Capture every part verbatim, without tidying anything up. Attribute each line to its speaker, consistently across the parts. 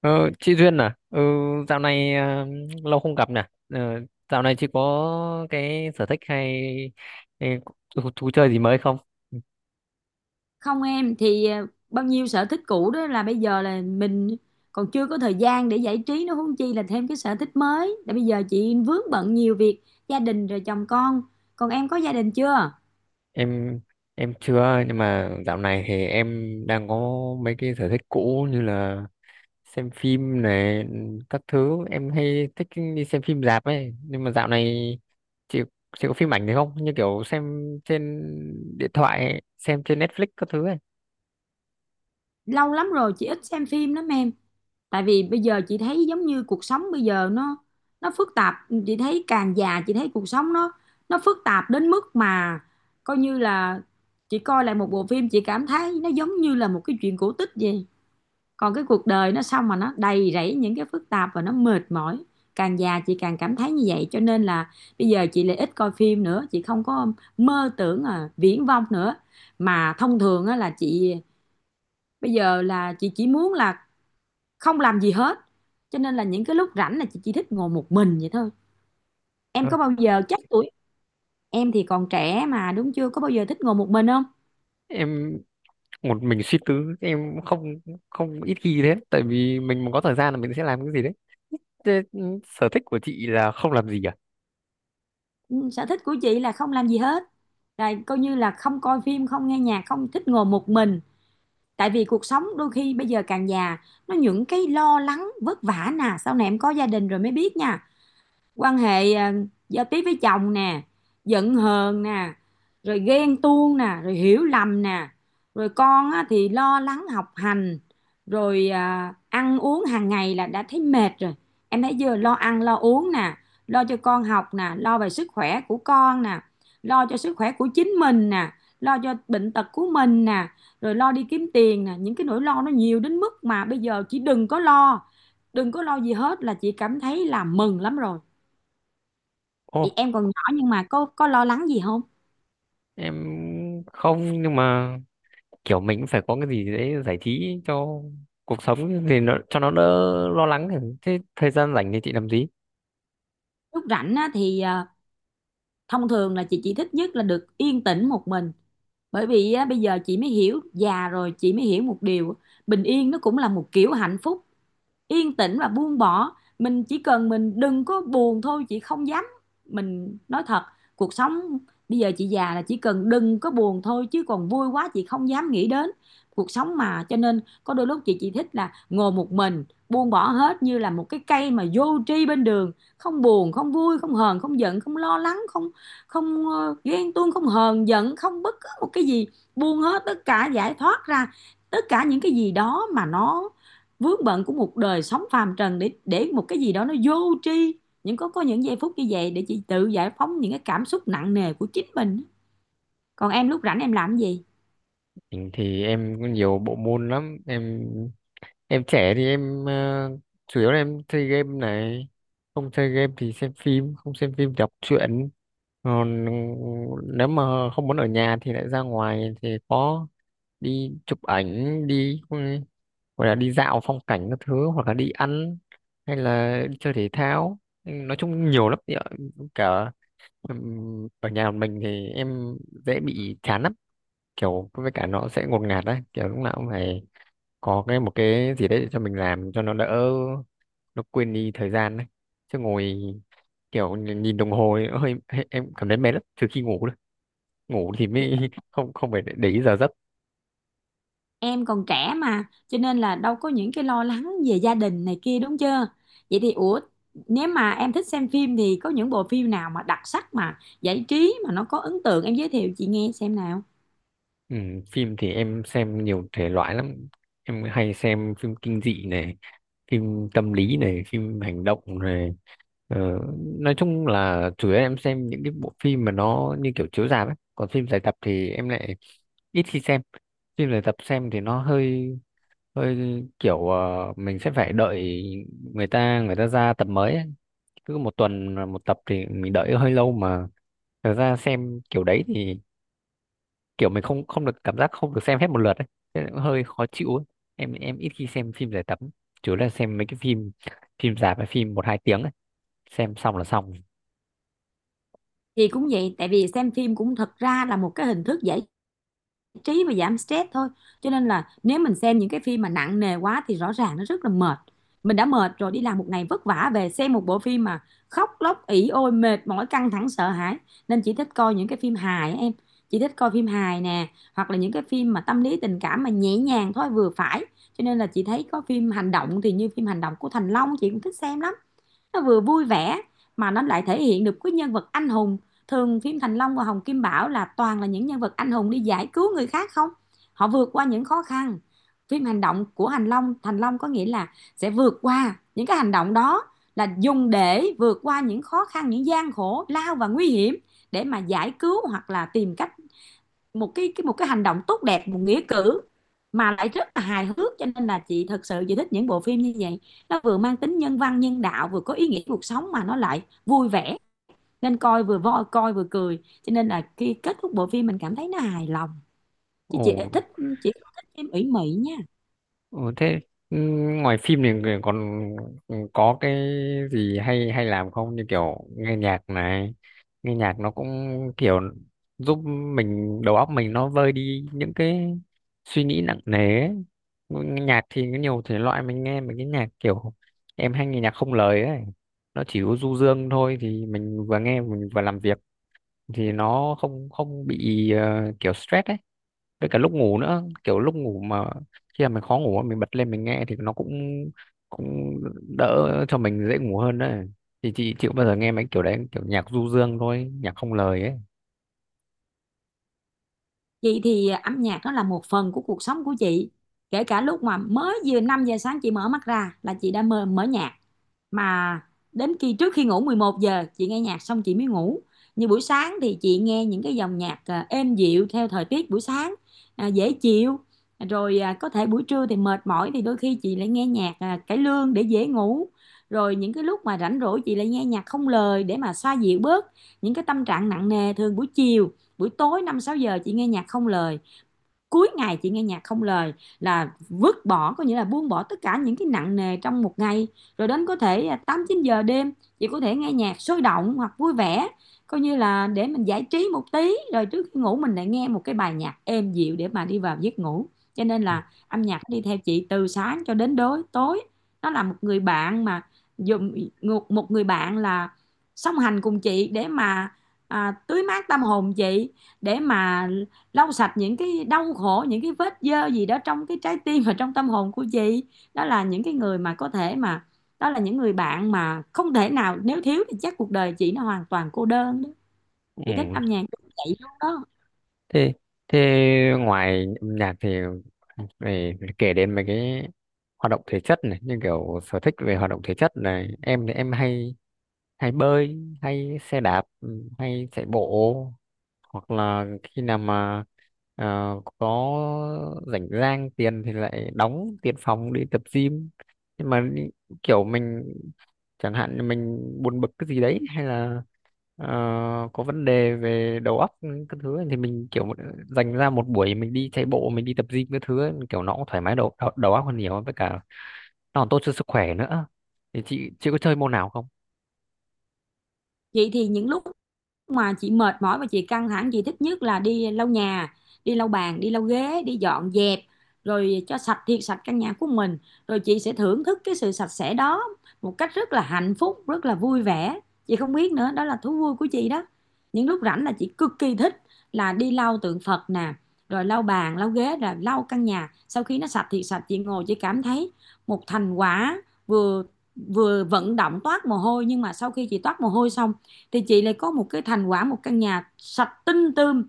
Speaker 1: Ờ, chị Duyên à, ừ, dạo này à, lâu không gặp nè. Ờ, Dạo này chị có cái sở thích hay hay thú, thú chơi gì mới không?
Speaker 2: không em thì ờ, bao nhiêu sở thích cũ đó là bây giờ là mình còn chưa có thời gian để giải trí nó, huống chi là thêm cái sở thích mới. Là bây giờ chị vướng bận nhiều việc gia đình rồi, chồng con. Còn em có gia đình chưa?
Speaker 1: Em em chưa, nhưng mà dạo này thì em đang có mấy cái sở thích cũ như là xem phim này, các thứ. Em hay thích đi xem phim rạp ấy, nhưng mà dạo này chị chị có phim ảnh gì không? Như kiểu xem trên điện thoại, xem trên Netflix các thứ ấy.
Speaker 2: Lâu lắm rồi chị ít xem phim lắm em. Tại vì bây giờ chị thấy giống như cuộc sống bây giờ nó nó phức tạp. Chị thấy càng già chị thấy cuộc sống nó nó phức tạp đến mức mà coi như là chị coi lại một bộ phim chị cảm thấy nó giống như là một cái chuyện cổ tích vậy. Còn cái cuộc đời nó xong mà nó đầy rẫy những cái phức tạp và nó mệt mỏi. Càng già chị càng cảm thấy như vậy, cho nên là bây giờ chị lại ít coi phim nữa, chị không có mơ tưởng, à, viển vông nữa. Mà thông thường á, là chị bây giờ là chị chỉ muốn là không làm gì hết. Cho nên là những cái lúc rảnh là chị chỉ thích ngồi một mình vậy thôi. Em
Speaker 1: Ờ,
Speaker 2: có bao giờ chắc tuổi em thì còn trẻ mà đúng chưa, có bao giờ thích ngồi một mình không?
Speaker 1: Em một mình suy tư em cũng không không ít khi thế, tại vì mình mà có thời gian là mình sẽ làm cái gì đấy. Thế, ừ, sở thích của chị là không làm gì à?
Speaker 2: Ừ, sở thích của chị là không làm gì hết, rồi coi như là không coi phim, không nghe nhạc, không thích ngồi một mình. Tại vì cuộc sống đôi khi bây giờ càng già nó những cái lo lắng vất vả nè, sau này em có gia đình rồi mới biết nha. Quan hệ, à, giao tiếp với chồng nè, giận hờn nè, rồi ghen tuông nè, rồi hiểu lầm nè, rồi con á, thì lo lắng học hành, rồi à, ăn uống hàng ngày là đã thấy mệt rồi. Em thấy vừa lo ăn lo uống nè, lo cho con học nè, lo về sức khỏe của con nè, lo cho sức khỏe của chính mình nè, lo cho bệnh tật của mình nè, rồi lo đi kiếm tiền nè, những cái nỗi lo nó nhiều đến mức mà bây giờ chỉ đừng có lo, đừng có lo gì hết là chị cảm thấy là mừng lắm rồi. Thì
Speaker 1: ô
Speaker 2: em còn nhỏ nhưng mà có có lo lắng gì không?
Speaker 1: em không, nhưng mà kiểu mình cũng phải có cái gì đấy giải trí cho cuộc sống thì nó, cho nó đỡ lo lắng. Thế, thời gian rảnh thì chị làm gì?
Speaker 2: Lúc rảnh á, thì à, thông thường là chị chỉ thích nhất là được yên tĩnh một mình. Bởi vì á, bây giờ chị mới hiểu, già rồi chị mới hiểu một điều, bình yên nó cũng là một kiểu hạnh phúc. Yên tĩnh và buông bỏ, mình chỉ cần mình đừng có buồn thôi, chị không dám, mình nói thật, cuộc sống bây giờ chị già là chỉ cần đừng có buồn thôi, chứ còn vui quá chị không dám nghĩ đến cuộc sống. Mà cho nên có đôi lúc chị chỉ thích là ngồi một mình buông bỏ hết như là một cái cây mà vô tri bên đường, không buồn không vui không hờn không giận không lo lắng không, không ờ, ghen tuông không hờn giận không bất cứ một cái gì, buông hết tất cả, giải thoát ra tất cả những cái gì đó mà nó vướng bận của một đời sống phàm trần, để để một cái gì đó nó vô tri, những có có những giây phút như vậy để chị tự giải phóng những cái cảm xúc nặng nề của chính mình. Còn em lúc rảnh em làm gì?
Speaker 1: Mình thì em có nhiều bộ môn lắm em. Em trẻ thì em, ờ, chủ yếu là em chơi game này, không chơi game thì xem phim, không xem phim thì đọc truyện. Còn ừ, nếu mà không muốn ở nhà thì lại ra ngoài, thì có đi chụp ảnh, đi ừ, gọi là đi dạo phong cảnh các thứ, hoặc là đi ăn, hay là đi chơi thể thao. Ừ, nói chung nhiều lắm thì ở- cả, ừm, ở nhà mình thì em dễ bị chán lắm, kiểu với cả nó sẽ ngột ngạt đấy, kiểu lúc nào cũng phải có cái một cái gì đấy để cho mình làm, cho nó đỡ, nó quên đi thời gian đấy, chứ ngồi kiểu nhìn nhìn đồng hồ ấy, hơi hơi- em cảm thấy mệt lắm, trừ khi ngủ thôi. Ngủ thì mới không không phải để để ý giờ giấc.
Speaker 2: Em còn trẻ mà cho nên là đâu có những cái lo lắng về gia đình này kia đúng chưa? Vậy thì ủa, nếu mà em thích xem phim thì có những bộ phim nào mà đặc sắc mà giải trí mà nó có ấn tượng em giới thiệu chị nghe xem nào.
Speaker 1: Ừ, phim thì em xem nhiều thể loại lắm, em hay xem phim kinh dị này, phim tâm lý này, phim hành động này, ờ, nói chung là chủ yếu em xem những cái bộ phim mà nó như kiểu chiếu rạp ấy, còn phim dài tập thì em lại ít khi xem. Phim dài tập xem thì nó hơi hơi kiểu, ờ, mình sẽ phải đợi người ta người ta ra tập mới ấy. Cứ một tuần là một tập thì mình đợi hơi lâu mà, thật ra xem kiểu đấy thì kiểu mình không không được cảm giác, không được xem hết một lượt ấy, thế là cũng hơi khó chịu ấy. em em ít khi xem phim giải tập, chủ yếu là xem mấy cái phim phim rạp hay phim một hai tiếng ấy. Xem xong là xong.
Speaker 2: Thì cũng vậy, tại vì xem phim cũng thật ra là một cái hình thức giải trí và giảm stress thôi. Cho nên là nếu mình xem những cái phim mà nặng nề quá thì rõ ràng nó rất là mệt. Mình đã mệt rồi, đi làm một ngày vất vả về xem một bộ phim mà khóc lóc ỉ ôi mệt mỏi căng thẳng sợ hãi. Nên chị thích coi những cái phim hài em, chị thích coi phim hài nè, hoặc là những cái phim mà tâm lý tình cảm mà nhẹ nhàng thôi vừa phải. Cho nên là chị thấy có phim hành động thì như phim hành động của Thành Long chị cũng thích xem lắm. Nó vừa vui vẻ mà nó lại thể hiện được cái nhân vật anh hùng. Thường phim Thành Long và Hồng Kim Bảo là toàn là những nhân vật anh hùng đi giải cứu người khác không, họ vượt qua những khó khăn. Phim hành động của Thành Long, Thành Long có nghĩa là sẽ vượt qua những cái hành động đó là dùng để vượt qua những khó khăn những gian khổ lao và nguy hiểm để mà giải cứu hoặc là tìm cách một cái cái một cái hành động tốt đẹp, một nghĩa cử mà lại rất là hài hước. Cho nên là chị thật sự chị thích những bộ phim như vậy. Nó vừa mang tính nhân văn nhân đạo vừa có ý nghĩa cuộc sống mà nó lại vui vẻ, nên coi vừa voi coi vừa cười, cho nên là khi kết thúc bộ phim mình cảm thấy nó hài lòng. Chứ
Speaker 1: Ồ.
Speaker 2: chị thích, chị không thích phim ủy mị nha.
Speaker 1: Ừ, thế, ừ, ngoài phim thì người còn có cái gì hay hay làm không, như kiểu nghe nhạc này? Nghe nhạc nó cũng kiểu giúp mình, đầu óc mình nó vơi đi những cái suy nghĩ nặng nề ấy. Nghe nhạc thì có nhiều thể loại, mình nghe mấy cái nhạc kiểu, em hay nghe nhạc không lời ấy, nó chỉ có du dương thôi thì mình vừa nghe mình vừa làm việc, thì nó không không bị ờ, kiểu stress ấy. Với cả lúc ngủ nữa, kiểu lúc ngủ mà khi mà mình khó ngủ mình bật lên mình nghe, thì nó cũng cũng đỡ, cho mình dễ ngủ hơn đấy. Thì chị chịu bao giờ nghe mấy kiểu đấy, kiểu nhạc du dương thôi, nhạc không lời ấy?
Speaker 2: Chị thì à, âm nhạc nó là một phần của cuộc sống của chị. Kể cả lúc mà mới vừa năm giờ sáng chị mở mắt ra là chị đã mở, mở nhạc, mà đến khi trước khi ngủ mười một giờ chị nghe nhạc xong chị mới ngủ. Như buổi sáng thì chị nghe những cái dòng nhạc à, êm dịu theo thời tiết buổi sáng, à, dễ chịu. Rồi à, có thể buổi trưa thì mệt mỏi thì đôi khi chị lại nghe nhạc à, cải lương để dễ ngủ. Rồi những cái lúc mà rảnh rỗi chị lại nghe nhạc không lời để mà xoa dịu bớt những cái tâm trạng nặng nề. Thường buổi chiều buổi tối năm sáu giờ chị nghe nhạc không lời, cuối ngày chị nghe nhạc không lời là vứt bỏ, có nghĩa là buông bỏ tất cả những cái nặng nề trong một ngày. Rồi đến có thể à, tám chín giờ đêm chị có thể nghe nhạc sôi động hoặc vui vẻ coi như là để mình giải trí một tí, rồi trước khi ngủ mình lại nghe một cái bài nhạc êm dịu để mà đi vào giấc ngủ. Cho nên là âm nhạc đi theo chị từ sáng cho đến đối tối. Nó là một người bạn mà dùng, một một người bạn là song hành cùng chị để mà, à, tưới mát tâm hồn chị, để mà lau sạch những cái đau khổ những cái vết dơ gì đó trong cái trái tim và trong tâm hồn của chị. Đó là những cái người mà có thể mà, đó là những người bạn mà không thể nào nếu thiếu thì chắc cuộc đời chị nó hoàn toàn cô đơn đó. Chị thích
Speaker 1: Ừ.
Speaker 2: âm nhạc vậy luôn đó.
Speaker 1: thế thế ngoài âm nhạc thì phải kể đến mấy cái hoạt động thể chất này, như kiểu sở thích về hoạt động thể chất này, em thì em hay hay bơi, hay xe đạp, ừ, hay chạy bộ. Hoặc là khi nào mà ờ, có rảnh rang tiền thì lại đóng tiền phòng đi tập gym, nhưng mà đi- kiểu mình, chẳng hạn như mình buồn bực cái gì đấy hay là ờ, có vấn đề về đầu óc cái thứ ấy, thì mình kiểu dành ra một buổi mình đi chạy bộ, mình đi tập gym cái thứ ấy, kiểu nó cũng thoải mái đầu, đầu đầu óc hơn nhiều, với cả nó còn tốt cho sức khỏe nữa. Thì chị chị có chơi môn nào không?
Speaker 2: Chị thì những lúc mà chị mệt mỏi và chị căng thẳng chị thích nhất là đi lau nhà, đi lau bàn đi lau ghế đi dọn dẹp rồi cho sạch thiệt sạch căn nhà của mình, rồi chị sẽ thưởng thức cái sự sạch sẽ đó một cách rất là hạnh phúc rất là vui vẻ. Chị không biết nữa, đó là thú vui của chị đó. Những lúc rảnh là chị cực kỳ thích là đi lau tượng Phật nè, rồi lau bàn lau ghế rồi lau căn nhà sau khi nó sạch thiệt sạch chị ngồi chị cảm thấy một thành quả, vừa vừa vận động toát mồ hôi, nhưng mà sau khi chị toát mồ hôi xong thì chị lại có một cái thành quả một căn nhà sạch tinh tươm.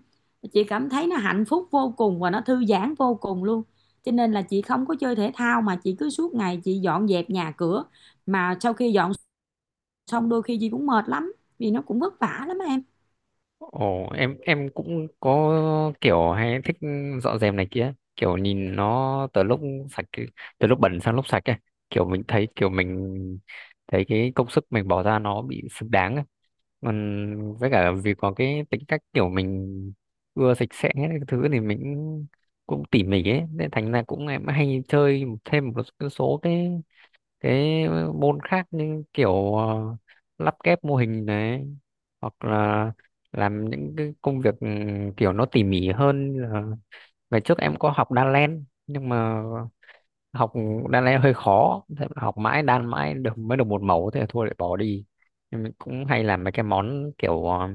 Speaker 2: Chị cảm thấy nó hạnh phúc vô cùng và nó thư giãn vô cùng luôn. Cho nên là chị không có chơi thể thao mà chị cứ suốt ngày chị dọn dẹp nhà cửa, mà sau khi dọn xong đôi khi chị cũng mệt lắm vì nó cũng vất vả lắm em.
Speaker 1: Ồ, em em cũng có kiểu hay thích dọn dẹp này kia, kiểu nhìn nó từ lúc sạch từ lúc bẩn sang lúc sạch ấy, kiểu mình thấy kiểu mình thấy cái công sức mình bỏ ra nó bị xứng đáng ấy. Còn với cả vì có cái tính cách kiểu mình ưa sạch sẽ cái thứ thì mình cũng tỉ mỉ ấy, nên thành ra cũng em hay chơi thêm một số cái cái môn khác, như kiểu ờ, lắp ghép mô hình này, hoặc là làm những cái công việc, ừ, kiểu nó tỉ mỉ hơn là, ngày trước em có học đan len nhưng mà học đan len hơi khó, thế mà học mãi đan mãi được, mới được một mẫu, thế là thôi lại bỏ đi. Nhưng mình cũng hay làm mấy cái món kiểu ờ,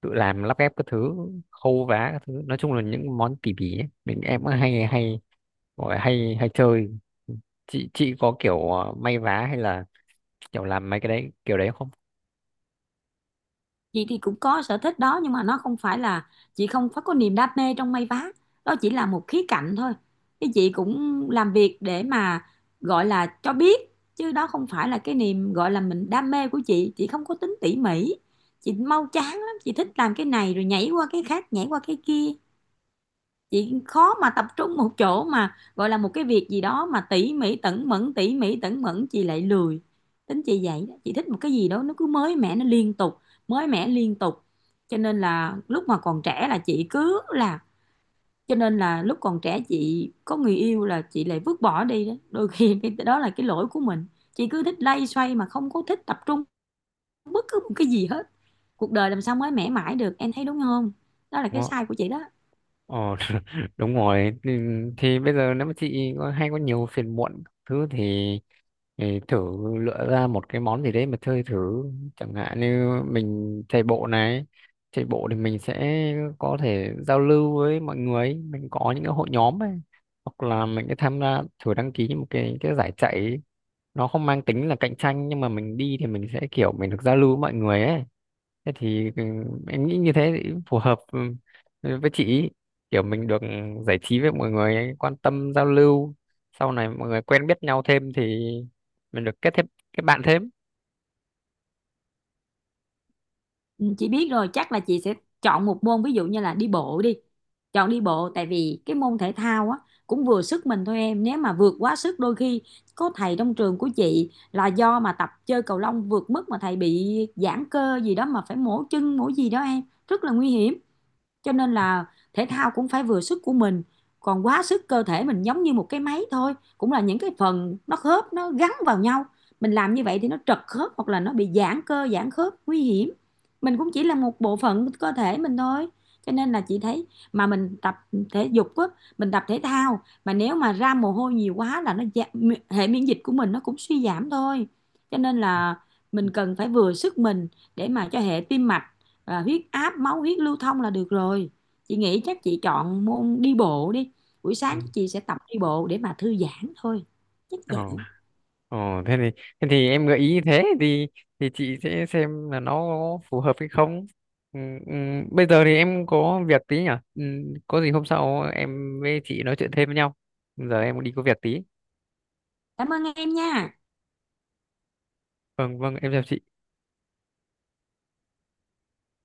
Speaker 1: tự làm lắp ghép các thứ, khâu vá các thứ, nói chung là những món tỉ mỉ ấy. Mình em cũng hay hay gọi là hay hay chơi. Chị chị có kiểu ờ, may vá hay là kiểu làm mấy cái đấy kiểu đấy không?
Speaker 2: Chị thì cũng có sở thích đó, nhưng mà nó không phải là, chị không phải có niềm đam mê trong may vá, đó chỉ là một khía cạnh thôi. Cái chị cũng làm việc để mà gọi là cho biết, chứ đó không phải là cái niềm gọi là mình đam mê của chị. Chị không có tính tỉ mỉ, chị mau chán lắm, chị thích làm cái này rồi nhảy qua cái khác nhảy qua cái kia. Chị khó mà tập trung một chỗ mà gọi là một cái việc gì đó mà tỉ mỉ tẩn mẫn, tỉ mỉ tẩn mẫn chị lại lười. Tính chị vậy đó, chị thích một cái gì đó nó cứ mới mẻ nó liên tục, mới mẻ liên tục. Cho nên là lúc mà còn trẻ là chị cứ là, cho nên là lúc còn trẻ chị có người yêu là chị lại vứt bỏ đi đó đôi khi cái đó là cái lỗi của mình. Chị cứ thích lay xoay mà không có thích tập trung bất cứ một cái gì hết. Cuộc đời làm sao mới mẻ mãi được em thấy đúng không? Đó là cái
Speaker 1: Đúng không?
Speaker 2: sai của chị đó.
Speaker 1: Ờ, đúng rồi, thì, thì bây giờ nếu mà chị có, hay có nhiều phiền muộn thứ thì, thì thử lựa ra một cái món gì đấy mà chơi thử. Chẳng hạn như mình chạy bộ này, chạy bộ thì mình sẽ có thể giao lưu với mọi người, mình có những cái hội nhóm ấy, hoặc là mình sẽ tham gia thử đăng ký một cái cái giải chạy. Nó không mang tính là cạnh tranh, nhưng mà mình đi thì mình sẽ kiểu mình được giao lưu với mọi người ấy. Thế thì ừ, em nghĩ như thế thì phù hợp ừ, với chị ý. Kiểu mình được giải trí với mọi người ấy, quan tâm giao lưu, sau này mọi người quen biết nhau thêm thì mình được kết thêm kết bạn thêm.
Speaker 2: Ừ, chị biết rồi, chắc là chị sẽ chọn một môn ví dụ như là đi bộ đi. Chọn đi bộ tại vì cái môn thể thao á cũng vừa sức mình thôi em, nếu mà vượt quá sức đôi khi, có thầy trong trường của chị là do mà tập chơi cầu lông vượt mức mà thầy bị giãn cơ gì đó mà phải mổ chân mổ gì đó em, rất là nguy hiểm. Cho nên là thể thao cũng phải vừa sức của mình, còn quá sức cơ thể mình giống như một cái máy thôi cũng là những cái phần nó khớp nó gắn vào nhau, mình làm như vậy thì nó trật khớp hoặc là nó bị giãn cơ giãn khớp nguy hiểm. Mình cũng chỉ là một bộ phận cơ thể mình thôi. Cho nên là chị thấy mà mình tập thể dục á, mình tập thể thao mà nếu mà ra mồ hôi nhiều quá là nó dạ- hệ miễn dịch của mình nó cũng suy giảm thôi. Cho nên là mình cần phải vừa sức mình để mà cho hệ tim mạch, à, huyết áp máu huyết lưu thông là được rồi. Chị nghĩ chắc chị chọn môn đi bộ đi, buổi
Speaker 1: Ừ.
Speaker 2: sáng chị sẽ tập đi bộ để mà thư giãn thôi. Chắc
Speaker 1: ờ
Speaker 2: vậy.
Speaker 1: ờ thế thì thế thì em gợi ý như thế, thì thì chị sẽ xem là nó phù hợp hay không. ừ, ừ, Bây giờ thì em có việc tí nhỉ. ừ, có gì hôm sau em với chị nói chuyện thêm với nhau, giờ em đi có việc tí.
Speaker 2: Cảm ơn em nha.
Speaker 1: Vâng vâng, em chào chị.